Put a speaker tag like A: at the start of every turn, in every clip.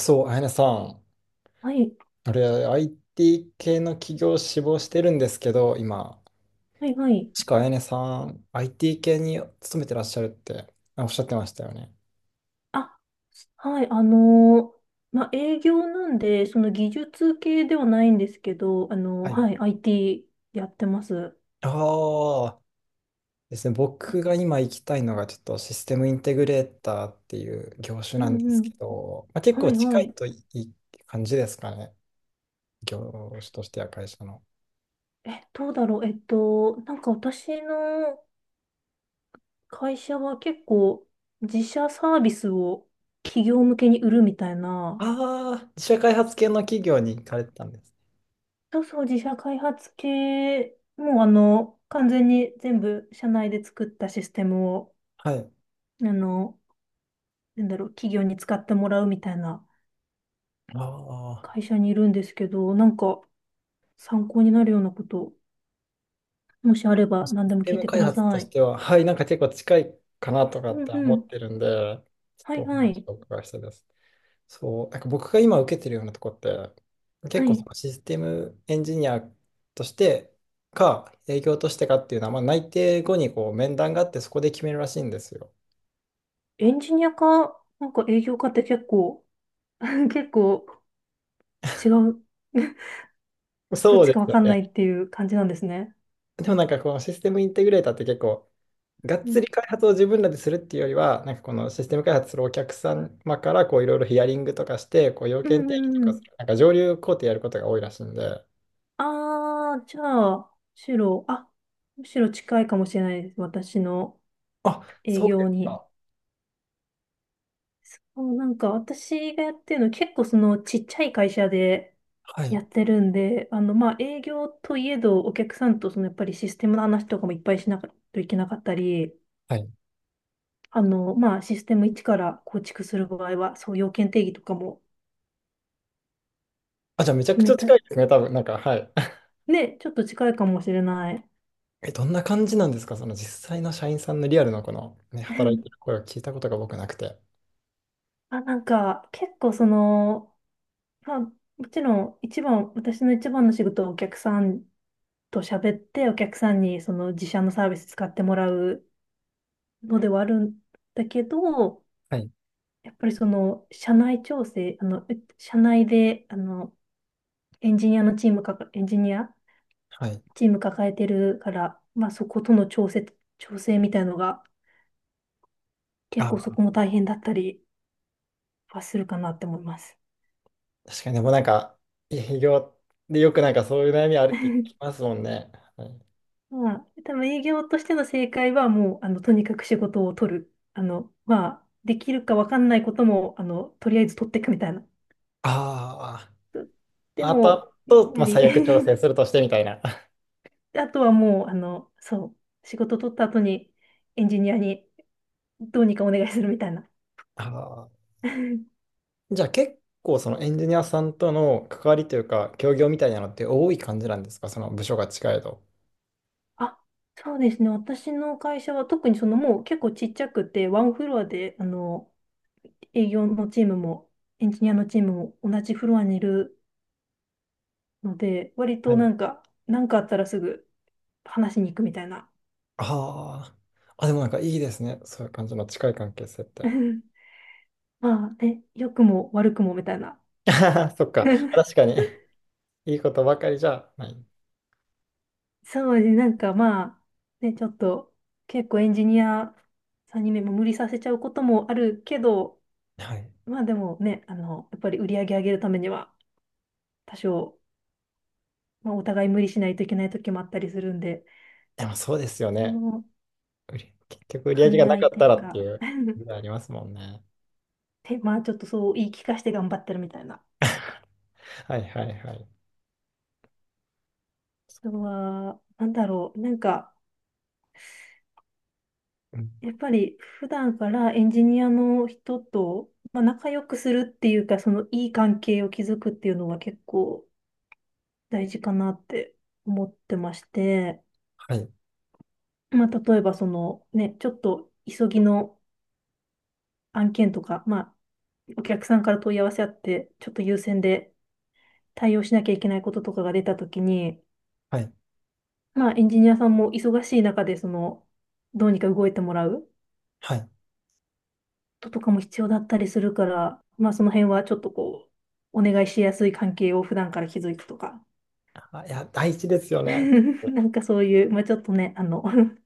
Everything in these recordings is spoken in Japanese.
A: そう、あやねさん、
B: はい、
A: あれ、IT 系の企業を志望してるんですけど、今、
B: はい、はい。
A: しかあやねさん、IT 系に勤めてらっしゃるっておっしゃってましたよね。
B: あ、はい、まあ、営業なんで、その技術系ではないんですけど、
A: はい。
B: はい、IT やってます。
A: ああ、ですね、僕が今行きたいのが、ちょっとシステムインテグレーターっていう業種
B: う
A: なんで
B: んう
A: す
B: ん。
A: けど、まあ、結
B: は
A: 構
B: い、は
A: 近い
B: い。
A: といい感じですかね、業種としては会社の。
B: え、どうだろう。なんか私の会社は結構自社サービスを企業向けに売るみたいな、
A: ああ、自社開発系の企業に行かれてたんです。
B: そうそう、自社開発系、もうあの、完全に全部社内で作ったシステムを、
A: はい。
B: あの、なんだろう、企業に使ってもらうみたいな
A: あ
B: 会社にいるんですけど、なんか参考になるようなこと、もしあれば
A: シ
B: 何で
A: ス
B: も
A: テ
B: 聞い
A: ム
B: てく
A: 開
B: だ
A: 発と
B: さ
A: し
B: い。
A: ては、はい、なんか結構近いかなとか
B: う
A: っ
B: ん
A: て思
B: う
A: っ
B: ん。
A: てるんで、ちょっ
B: は
A: と
B: い
A: お
B: は
A: 話
B: い。
A: をお伺いしたいです。そう、なんか僕が今受けてるようなとこって、
B: は
A: 結構そ
B: い。
A: のシステムエンジニアとしてか、営業としてかっていうのは、まあ、内定後にこう面談があって、そこで決めるらしいんですよ。
B: エンジニアか、なんか営業かって結構、結構違う、どっ
A: そう
B: ち
A: で
B: かわ
A: すよ
B: かんない
A: ね。
B: っていう感じなんですね。
A: でもなんかこのシステムインテグレーターって結構、がっ
B: う
A: つ
B: ん。
A: り開発を自分らでするっていうよりは、なんかこのシステム開発するお客様からこういろいろヒアリングとかして、こう要
B: うん
A: 件定義と
B: うんう
A: かす
B: ん。
A: る、なんか上流工程やることが多いらしいんで。
B: あー、じゃあ、むしろ、あ、むしろ近いかもしれないです。私の
A: あ、
B: 営
A: そうで
B: 業
A: す
B: に。
A: か。
B: そう、なんか私がやってるの結構そのちっちゃい会社で
A: は
B: や
A: い。
B: ってるんで、あのまあ営業といえどお客さんとそのやっぱりシステムの話とかもいっぱいしなきゃいけなかったり、
A: はい。
B: あのまあシステム一から構築する場合はそう要件定義とかも
A: あ、じゃあめちゃ
B: 決
A: くち
B: め
A: ゃ
B: た。
A: 近いですね、多分。なんか、はい。
B: ね、ちょっと近いかもしれない。
A: え、どんな感じなんですかその実際の社員さんのリアルのこの、ね、
B: う
A: 働いて
B: ん、
A: る声を聞いたことが僕なくて。
B: あ、なんか結構その、まあもちろん一番、私の一番の仕事はお客さんと喋ってお客さんにその自社のサービス使ってもらうのではあるんだけど、
A: はい。
B: やっぱりその社内調整、社内で、エンジニアのチームか、エンジニア
A: はい。
B: チーム抱えてるから、まあそことの調整みたいのが結構そ
A: あ、
B: こも大変だったりはするかなって思います。
A: 確かに、でもなんか、営業でよくなんかそういう悩みあるって聞き ますもんね。はい、
B: まあ、多分営業としての正解はもう、あの、とにかく仕事を取る。あの、まあ、できるかわかんないことも、あの、とりあえず取っていくみたいな。
A: あ
B: で
A: あ。あと
B: も、
A: あ
B: やっ
A: と、
B: ぱ
A: まあ、
B: り
A: 最悪調整 するとしてみたいな。
B: あとはもう、仕事取った後にエンジニアにどうにかお願いするみたいな。
A: あー じゃあ結構そのエンジニアさんとの関わりというか、協業みたいなのって多い感じなんですかその部署が近いと。
B: あ、そうですね。私の会社は特にそのもう結構ちっちゃくて、ワンフロアで、あの、営業のチームもエンジニアのチームも同じフロアにいるので、割
A: は
B: とな
A: い。
B: んか、なんかあったらすぐ話しに行くみたいな。
A: ああ。あ、でもなんかいいですね。そういう感じの近い関係性って。
B: まあね、良くも悪くもみたいな。
A: そっか。確 かに。いいことばかりじゃない。
B: そうですね、なんかまあ、ね、ちょっと結構エンジニアさんにね、もう無理させちゃうこともあるけど、
A: はい。
B: まあでもね、あの、やっぱり売り上げ上げるためには多少、まあ、お互い無理しないといけない時もあったりするんで、
A: でもそうですよ
B: こ
A: ね。
B: の
A: 結局売り上
B: 兼
A: げが
B: ね
A: な
B: 合
A: か
B: い
A: っ
B: とい
A: た
B: う
A: らって
B: か
A: いう、あり ますもんね。
B: で、まあちょっとそう言い聞かせて頑張ってるみたいな。
A: はいはいはい。
B: あとは、なんだろう、なんか、
A: うん
B: やっぱり普段からエンジニアの人と、まあ、仲良くするっていうか、そのいい関係を築くっていうのは結構、大事かなって思ってまして、
A: はい。
B: まあ、例えばそのね、ちょっと急ぎの案件とか、まあ、お客さんから問い合わせあって、ちょっと優先で対応しなきゃいけないこととかが出たときに、
A: はい。
B: まあ、エンジニアさんも忙しい中で、その、どうにか動いてもらうこ
A: はい。
B: ととかも必要だったりするから、まあ、その辺はちょっとこう、お願いしやすい関係を普段から築いてとか、
A: あいや、大事ですよね。
B: なんかそういう、まあ、ちょっとね、あの、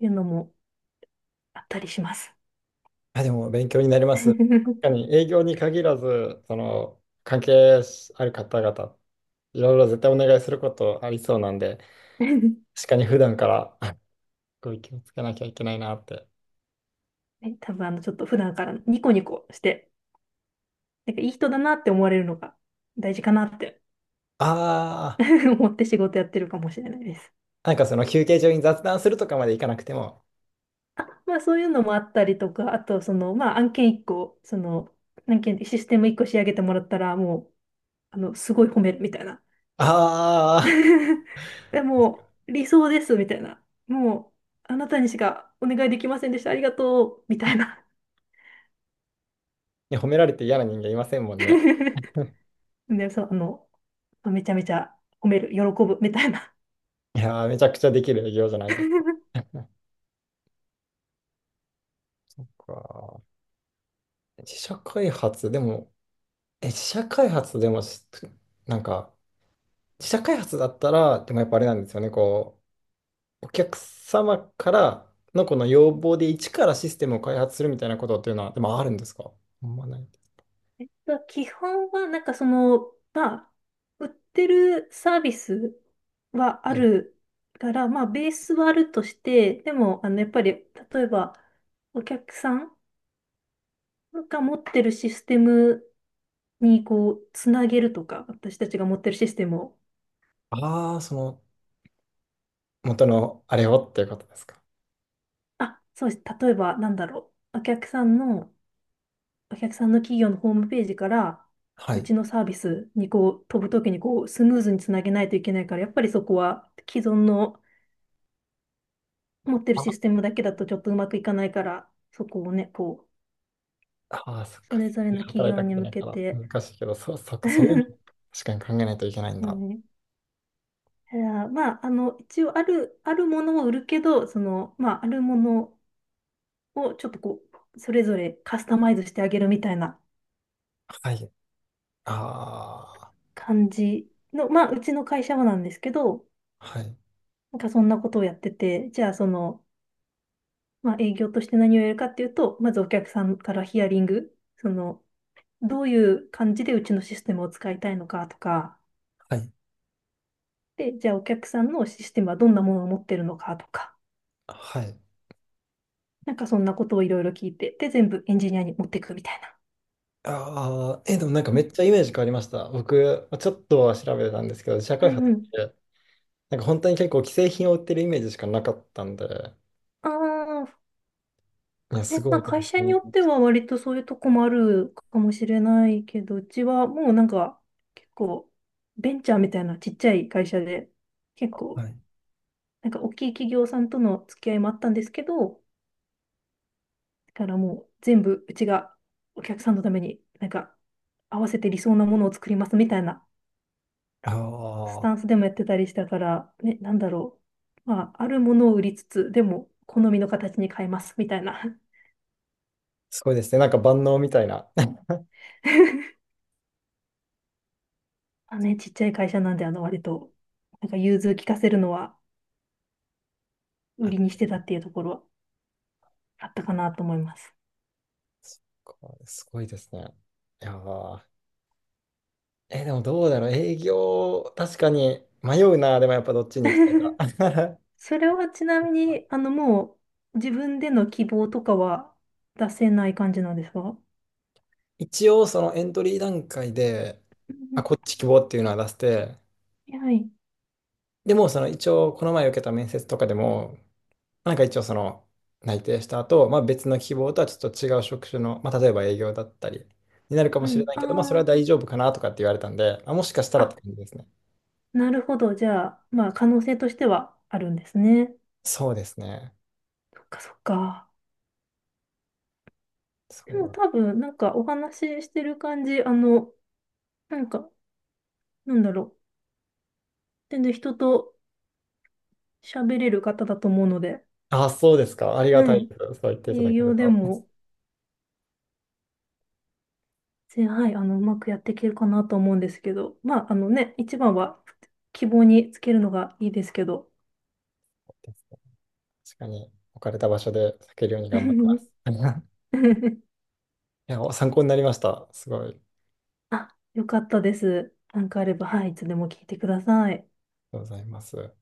B: いうのもあったりします。
A: あ、でも勉強になります。確 かに営業に限らず、その関係ある方々、いろいろ絶対お願いすることありそうなんで、確かに普段からこう気をつけなきゃいけないなって。
B: ね、多分あの、ちょっと普段からニコニコして、なんかいい人だなって思われるのが大事かなって
A: あ
B: 思って仕事やってるかもしれないです。
A: あ、なんかその休憩中に雑談するとかまでいかなくても、
B: あ、まあそういうのもあったりとか、あとその、まあ案件1個、その、案件、システム1個仕上げてもらったら、もう、あの、すごい褒めるみたいな。
A: ああ、
B: でもう、理想ですみたいな。もう、あなたにしかお願いできませんでした。ありがとうみたいな。
A: ね、褒められて嫌な人間いませんもんね。
B: で、そう、あの、めちゃめちゃ褒める、喜ぶみたいな。
A: いやー、めちゃくちゃできる営業じゃないですか。か自社開発、でも、え、自社開発でもし、なんか、自社開発だったら、でもやっぱあれなんですよね、こう、お客様からのこの要望で一からシステムを開発するみたいなことっていうのは、でもあるんですかほんまない。
B: まあ基本は、なんかその、まあ、売ってるサービスはあ
A: はい
B: るから、まあ、ベースはあるとして、でも、あの、やっぱり、例えば、お客さんが持ってるシステムに、こう、つなげるとか、私たちが持ってるシステムを、
A: ああ、その、元のあれをっていうことですか。
B: あ、そうです。例えば、なんだろう。お客さんの企業のホームページから、
A: は
B: う
A: い。
B: ちのサービスにこう飛ぶときにこうスムーズにつなげないといけないから、やっぱりそこは既存の持ってるシス
A: あ
B: テムだけだとちょっとうまくいかないから、そこをね、こ
A: あー、そっ
B: う、そ
A: か。
B: れぞれの企
A: 働い
B: 業
A: たこ
B: に
A: と
B: 向
A: ない
B: け
A: から、
B: て
A: 難しいけど、そう、そっ か、
B: だ
A: そう確かに考えないといけないんだ。
B: ね、いやまあ、あの、一応ある、あるものを売るけど、その、まあ、あるものをちょっとこう、それぞれカスタマイズしてあげるみたいな
A: はい。あ
B: 感じの、まあ、うちの会社はなんですけど、
A: あ、はい。
B: なんかそんなことをやってて、じゃあその、まあ、営業として何をやるかっていうと、まずお客さんからヒアリング、その、どういう感じでうちのシステムを使いたいのかとか、
A: はい。
B: で、じゃあお客さんのシステムはどんなものを持ってるのかとか、
A: はい。
B: なんかそんなことをいろいろ聞いて、で、全部エンジニアに持っていくみたいな。
A: ああ、え、でもなんか
B: う
A: め
B: ん、
A: っちゃイメージ変わりました。僕、ちょっとは調べてたんですけど、自社
B: は
A: 開
B: い、
A: 発
B: う
A: っ
B: ん。
A: て、なんか本当に結構既製品を売ってるイメージしかなかったんで、
B: ああ、
A: いや、す
B: ね、
A: ご
B: まあ
A: い勉
B: 会社
A: 強に
B: に
A: な
B: よっ
A: りま
B: て
A: し
B: は割とそういうとこもあるかもしれないけど、うちはもうなんか結構ベンチャーみたいなちっちゃい会社で、結
A: た。
B: 構
A: はい。
B: なんか大きい企業さんとの付き合いもあったんですけど、だからもう全部うちがお客さんのためになんか合わせて理想なものを作りますみたいなス
A: あ
B: タン
A: あ、
B: スでもやってたりしたから、ね、なんだろう。まあ、あるものを売りつつ、でも、好みの形に変えます、みたいな。
A: すごいですね。なんか万能みたいな。
B: あ、ね、ちっちゃい会社なんで、あの、割と、なんか、融通聞かせるのは、売りに
A: あ
B: してたっていうところは、あったかなと思います。
A: こうすごいですね。いやー、え、でもどうだろう。営業、確かに迷うな。でもやっぱどっちに行きたいか。
B: それはちなみに、あの、もう、自分での希望とかは出せない感じなんですか？
A: 一応そのエントリー段階で、
B: う
A: あ、
B: ん、
A: こっち希望っていうのは出して、
B: は い。
A: でもその一応この前受けた面接とかでも、なんか一応その内定した後、まあ別の希望とはちょっと違う職種の、まあ例えば営業だったりになるかも
B: は
A: しれ
B: い。
A: ないけど、まあそれは
B: あ
A: 大丈夫かなとかって言われたんで、あ、もしかした
B: あ、
A: らって
B: あ、
A: 感じですね。
B: なるほど。じゃあ、まあ、可能性としてはあるんですね。
A: そうですね。
B: そっか、そっか。でも
A: そう。
B: 多分、なんかお話ししてる感じ、あの、なんか、なんだろう。全然人と喋れる方だと思うので、
A: あ、そうですか。ありが
B: は
A: たい
B: い。
A: です。そう言っていた
B: 営
A: だける
B: 業で
A: と。そ
B: も、はい、あの、うまくやっていけるかなと思うんですけど、まあ、あのね、一番は希望につけるのがいいですけど。
A: うですね確かに置かれた場所で避けるように頑張ります。いや、参考になりました。すごい。ありが
B: あ、よかったです。なんかあれば、はい、いつでも聞いてください。
A: とうございます。